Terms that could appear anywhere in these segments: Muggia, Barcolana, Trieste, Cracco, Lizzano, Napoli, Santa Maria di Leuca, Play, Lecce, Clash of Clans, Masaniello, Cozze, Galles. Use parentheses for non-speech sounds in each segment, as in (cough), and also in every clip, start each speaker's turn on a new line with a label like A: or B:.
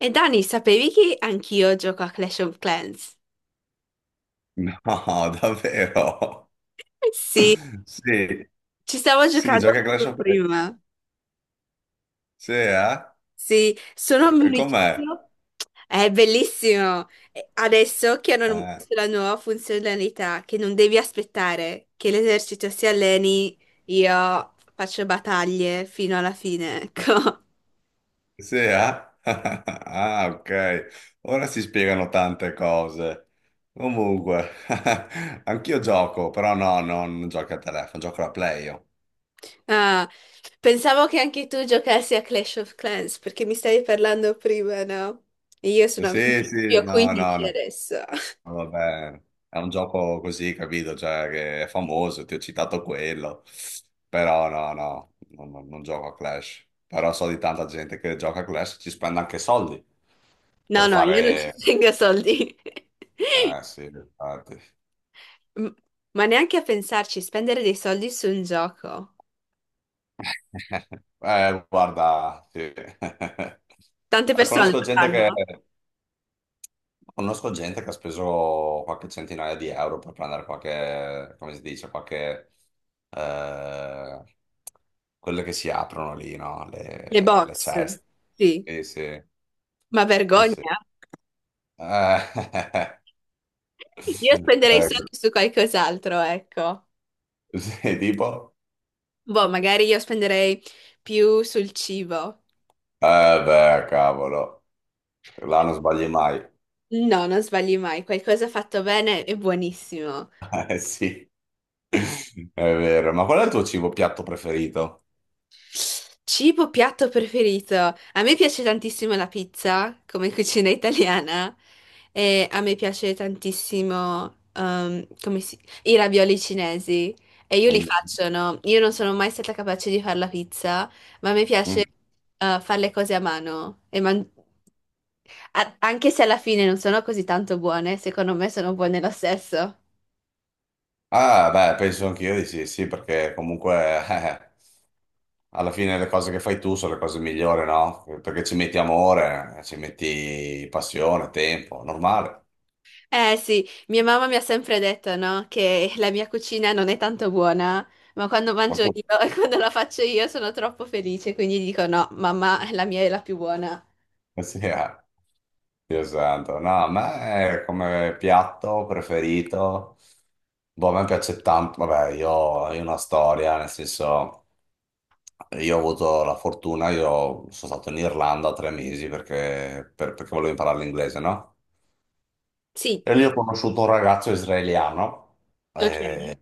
A: E Dani, sapevi che anch'io gioco a Clash of Clans?
B: No, (laughs) davvero?
A: Eh sì,
B: Sì,
A: ci stavo
B: sì,
A: giocando
B: gioca a Clash of
A: proprio
B: Clans.
A: prima.
B: Sì, eh?
A: Sì, sono un
B: E com'è?
A: municipio. È bellissimo. E adesso che hanno
B: Eh,
A: messo la nuova funzionalità, che non devi aspettare che l'esercito si alleni, io faccio battaglie fino alla fine, ecco. (laughs)
B: sì, eh? (laughs) Ah, ok. Ora si spiegano tante cose. Comunque, (laughs) anch'io gioco, però no, no, non gioco a telefono, gioco alla Play io.
A: Ah, pensavo che anche tu giocassi a Clash of Clans, perché mi stavi parlando prima, no? Io sono
B: Sì,
A: più
B: sì,
A: a
B: no, no,
A: 15
B: no.
A: adesso.
B: Vabbè, è un gioco così, capito? Cioè, che è famoso, ti ho citato quello. Però no, no, non gioco a Clash. Però so di tanta gente che gioca a Clash e ci spende anche soldi
A: No,
B: per
A: no, io non (laughs) ci
B: fare...
A: tengo soldi. (laughs)
B: Eh sì, infatti.
A: M- Ma neanche a pensarci, spendere dei soldi su un gioco.
B: (laughs) Guarda, sì. (laughs)
A: Tante persone
B: Conosco
A: lo
B: gente che...
A: fanno.
B: Conosco gente che ha speso qualche centinaia di euro per prendere qualche, come si dice, qualche, eh, quelle che si aprono lì, no?
A: Le
B: Le
A: box,
B: ceste.
A: sì.
B: Sì, sì,
A: Ma
B: sì, sì.
A: vergogna.
B: Eh, (laughs)
A: Io spenderei
B: ecco.
A: soldi su qualcos'altro, ecco.
B: Sì, tipo,
A: Boh, magari io spenderei più sul cibo.
B: eh beh, cavolo, là non sbagli mai.
A: No, non sbagli mai. Qualcosa fatto bene è buonissimo.
B: Eh sì, (laughs) è vero. Ma qual è il tuo cibo piatto preferito?
A: Cibo piatto preferito. A me piace tantissimo la pizza, come cucina italiana, e a me piace tantissimo i ravioli cinesi. E io li
B: Mm,
A: faccio, no? Io non sono mai stata capace di fare la pizza, ma a me piace
B: mm.
A: fare le cose a mano. Anche se alla fine non sono così tanto buone, secondo me sono buone lo stesso.
B: Ah, beh, penso anch'io di sì, sì, perché comunque... (laughs) alla fine le cose che fai tu sono le cose migliori, no? Perché ci metti amore, ci metti passione, tempo, normale.
A: Eh sì, mia mamma mi ha sempre detto, no, che la mia cucina non è tanto buona, ma quando
B: Ma
A: mangio
B: tu? (laughs)
A: io (laughs) e quando la faccio io sono troppo felice, quindi dico no, mamma, la mia è la più buona.
B: Eh sì, eh. Dio santo. No, a me come piatto preferito, boh, a me piace tanto, vabbè, io ho una storia, nel senso, io ho avuto la fortuna, io sono stato in Irlanda 3 mesi perché, perché volevo imparare l'inglese, no?
A: Sì,
B: E lì ho conosciuto un ragazzo israeliano
A: ok,
B: eh,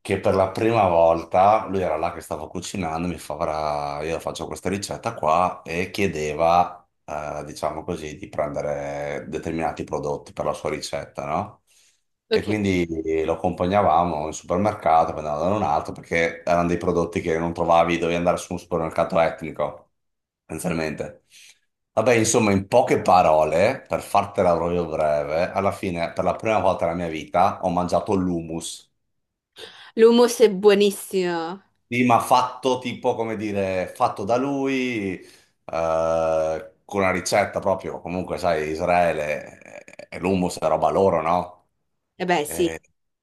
B: che per la prima volta, lui era là che stava cucinando, mi fa, "Guarda, io faccio questa ricetta qua e chiedeva, diciamo così, di prendere determinati prodotti per la sua ricetta, no? E
A: ok.
B: quindi lo accompagnavamo in supermercato, poi andavamo da un altro, perché erano dei prodotti che non trovavi, dovevi andare su un supermercato etnico, essenzialmente. Vabbè, insomma, in poche parole, per fartela proprio breve, alla fine, per la prima volta nella mia vita, ho mangiato l'hummus.
A: L'hummus è buonissimo.
B: Sì, ma fatto tipo, come dire, fatto da lui, con una ricetta proprio, comunque, sai, Israele, l'hummus è roba loro, no?
A: Eh beh, sì.
B: E-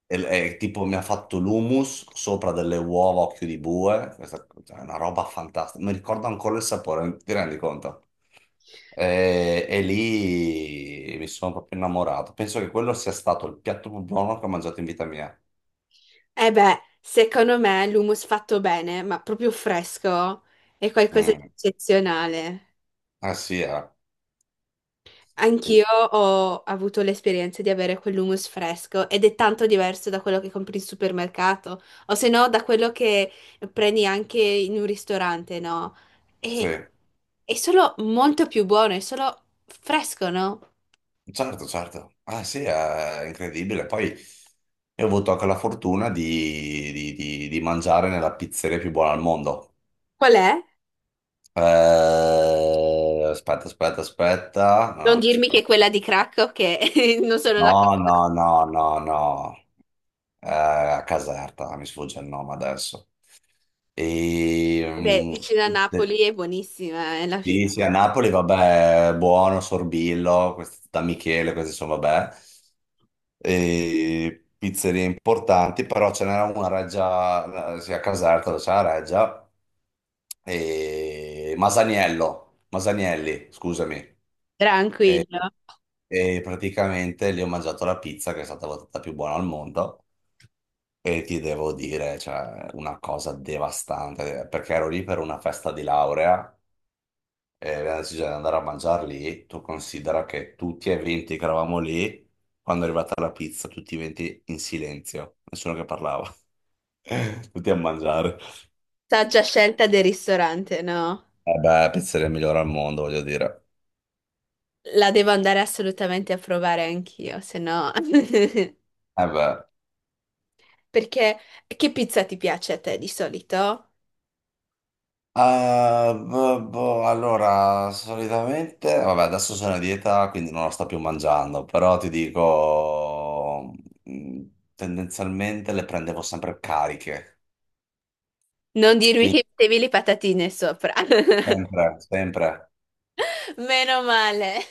B: e tipo mi ha fatto l'hummus sopra delle uova a occhio di bue, questa cioè, è una roba fantastica, mi ricordo ancora il sapore, ti rendi conto? E lì mi sono proprio innamorato, penso che quello sia stato il piatto più buono che ho mangiato in vita mia.
A: Eh beh, secondo me l'hummus fatto bene, ma proprio fresco, è qualcosa di
B: Mm.
A: eccezionale.
B: Sì, eh.
A: Anch'io ho avuto l'esperienza di avere quell'hummus fresco ed è tanto diverso da quello che compri in supermercato o se no da quello che prendi anche in un ristorante, no?
B: Sì,
A: E è solo molto più buono, è solo fresco, no?
B: certo, certo. Ah sì, è incredibile. Poi io ho avuto anche la fortuna di mangiare nella pizzeria più buona al mondo.
A: Qual è?
B: Aspetta, aspetta, aspetta.
A: Non
B: No,
A: dirmi che è
B: aspetta.
A: quella di Cracco che (laughs) non sono la
B: No,
A: cosa.
B: no, no, no, no. A Caserta, mi sfugge il nome adesso. E,
A: Beh, vicino a
B: de-
A: Napoli è buonissima, è la
B: sì,
A: fida.
B: sì, a Napoli, vabbè, buono, Sorbillo, questi- da Michele, questi sono, vabbè. E pizzerie importanti, però ce n'era una a Reggia, sì, a Caserta, dove c'è la Reggia, e Masaniello, Masanielli, scusami. E,
A: Tranquillo.
B: e praticamente lì ho mangiato la pizza che è stata votata più buona al mondo e ti devo dire, cioè, una cosa devastante, perché ero lì per una festa di laurea e abbiamo deciso di andare a mangiare lì. Tu considera che tutti e 20 che eravamo lì, quando è arrivata la pizza, tutti e 20 in silenzio, nessuno che parlava, (laughs) tutti a mangiare.
A: Saggia scelta del ristorante, no?
B: Eh beh, pizzeria migliore al mondo, voglio dire.
A: La devo andare assolutamente a provare anch'io, se no... (laughs)
B: Eh beh.
A: Perché che pizza ti piace a te di solito?
B: Ah, boh, boh, allora, solitamente, vabbè, adesso sono a dieta, quindi non la sto più mangiando, però ti dico, mh, tendenzialmente le prendevo sempre cariche,
A: Non dirmi (laughs) che
B: quindi
A: mettevi le patatine sopra. (laughs)
B: sempre, sempre
A: Meno male.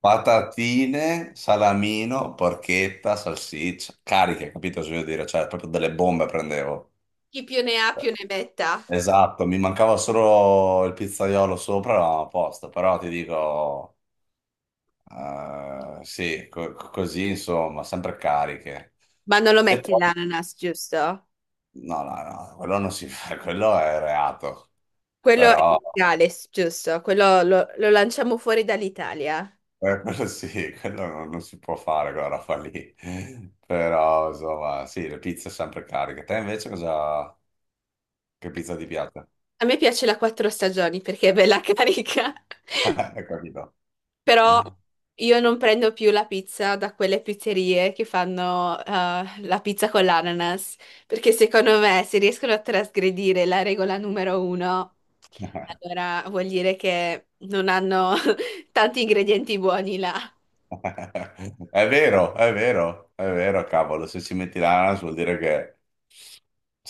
B: patatine, salamino, porchetta, salsiccia, cariche, capito cosa voglio dire? Cioè, proprio delle bombe prendevo.
A: Chi più ne ha più ne metta.
B: Esatto, mi mancava solo il pizzaiolo sopra, eravamo a posto, però ti dico... sì, così insomma, sempre cariche.
A: Ma non lo
B: E
A: metti
B: poi,
A: l'ananas, giusto?
B: no, no, no, quello non si fa, (laughs) quello è reato,
A: Quello è
B: però
A: il Galles, giusto? Quello lo, lo lanciamo fuori dall'Italia.
B: quello (laughs) sì, quello non si può fare quella roba lì. Però insomma, sì, le pizze sempre cariche. Te invece cosa, che pizza ti piace?
A: A me piace la quattro stagioni perché è bella carica. (laughs)
B: (laughs) Hai capito?
A: Però
B: (laughs)
A: io non prendo più la pizza da quelle pizzerie che fanno la pizza con l'ananas, perché secondo me se riescono a trasgredire la regola numero uno, allora vuol dire che non hanno (laughs) tanti ingredienti buoni là.
B: (laughs) È vero, è vero, è vero, cavolo, se ci metti l'ananas vuol dire che...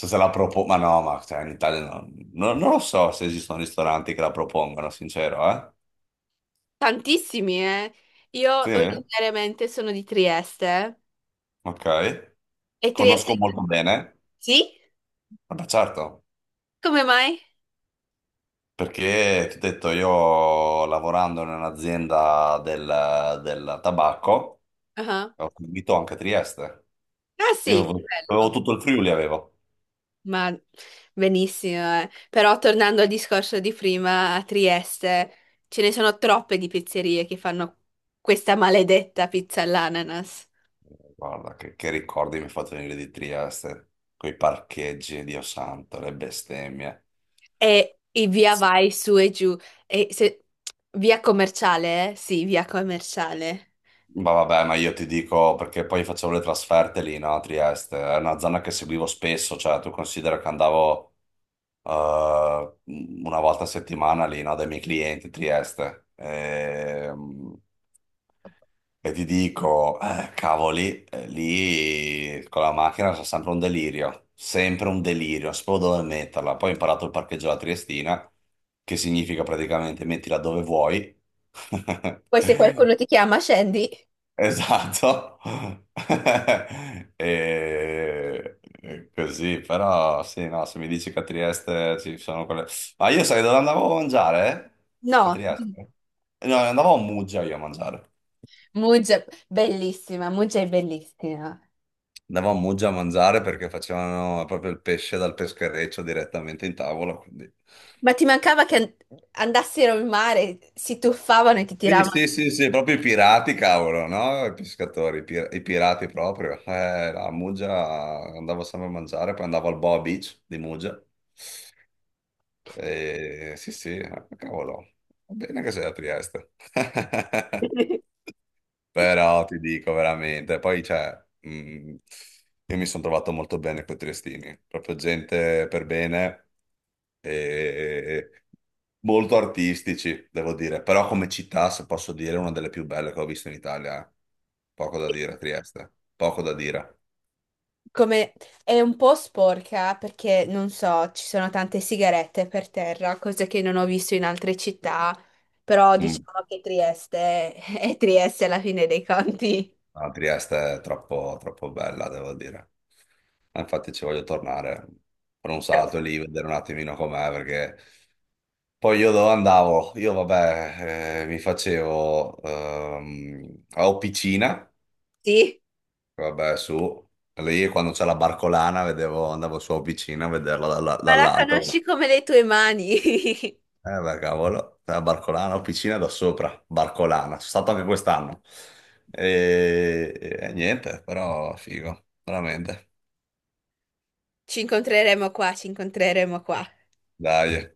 B: So se la propongo, ma no, ma cioè, in Italia non lo so se esistono ristoranti che la propongono, sincero, eh?
A: Tantissimi, eh. Io
B: Sì,
A: originariamente sono di Trieste
B: ok.
A: e Trieste...
B: Conosco molto bene,
A: Sì?
B: vabbè certo,
A: Come mai?
B: perché ti ho detto, io lavorando in un'azienda del tabacco,
A: Ah,
B: ho seguito anche Trieste.
A: ah sì, che
B: Io avevo
A: bello.
B: tutto il Friuli, avevo.
A: Ma benissimo, eh. Però tornando al discorso di prima, a Trieste ce ne sono troppe di pizzerie che fanno questa maledetta pizza all'ananas
B: Guarda, che ricordi mi hai fatto venire di Trieste, quei parcheggi, Dio santo, le bestemmie.
A: e i via vai su e giù. E se- Via commerciale, eh? Sì, via commerciale.
B: Ma vabbè, ma io ti dico, perché poi facevo le trasferte lì, no, a Trieste, è una zona che seguivo spesso, cioè tu considera che andavo eh, una volta a settimana lì, no, dai miei clienti a Trieste. E ti dico, cavoli, lì con la macchina c'è sempre un delirio, non sapevo dove metterla. Poi ho imparato il parcheggio alla Triestina, che significa praticamente mettila dove vuoi.
A: Poi se
B: (laughs)
A: qualcuno ti chiama, scendi.
B: Esatto. (laughs) E... e così, però sì, no, se mi dici che a Trieste ci sono quelle... Ma io sai dove andavo a mangiare? Eh? A
A: No,
B: Trieste? No, andavo a Muggia io a mangiare.
A: Muggia, bellissima, Muggia è bellissima.
B: Andavamo a Muggia a mangiare perché facevano proprio il pesce dal peschereccio direttamente in tavola.
A: Ma ti mancava che an- Andassero in mare, si tuffavano e ti
B: Sì,
A: tiravano.
B: sì, sì, sì, proprio i pirati, cavolo, no? I pescatori, i pirati proprio. No, a Muggia andavo sempre a mangiare, poi andavo al Boa Beach di Muggia. E, sì, sì, cavolo, va bene che sei a Trieste. (laughs)
A: (laughs)
B: Però ti dico veramente, poi cioè, io mi sono trovato molto bene con i triestini, proprio gente per bene e molto artistici, devo dire, però come città, se posso dire, è una delle più belle che ho visto in Italia, eh. Poco da dire, Trieste, poco da dire.
A: Come è un po' sporca perché non so, ci sono tante sigarette per terra, cosa che non ho visto in altre città, però
B: Mm.
A: diciamo che Trieste (laughs) è Trieste alla fine dei conti.
B: No, Trieste è troppo, troppo bella, devo dire. Infatti ci voglio tornare per un
A: Però,
B: salto lì, vedere un attimino com'è, perché poi io dove andavo? Io vabbè, mi facevo a piscina,
A: sì,
B: vabbè su, lì quando c'è la barcolana vedevo, andavo su a piscina a vederla
A: ma la
B: dall'alto,
A: conosci come le tue mani. (laughs)
B: eh beh cavolo, la barcolana, ho piscina da sopra, barcolana, sono stato anche quest'anno e, e niente, però figo, veramente,
A: Ci incontreremo qua, ci incontreremo qua.
B: dai.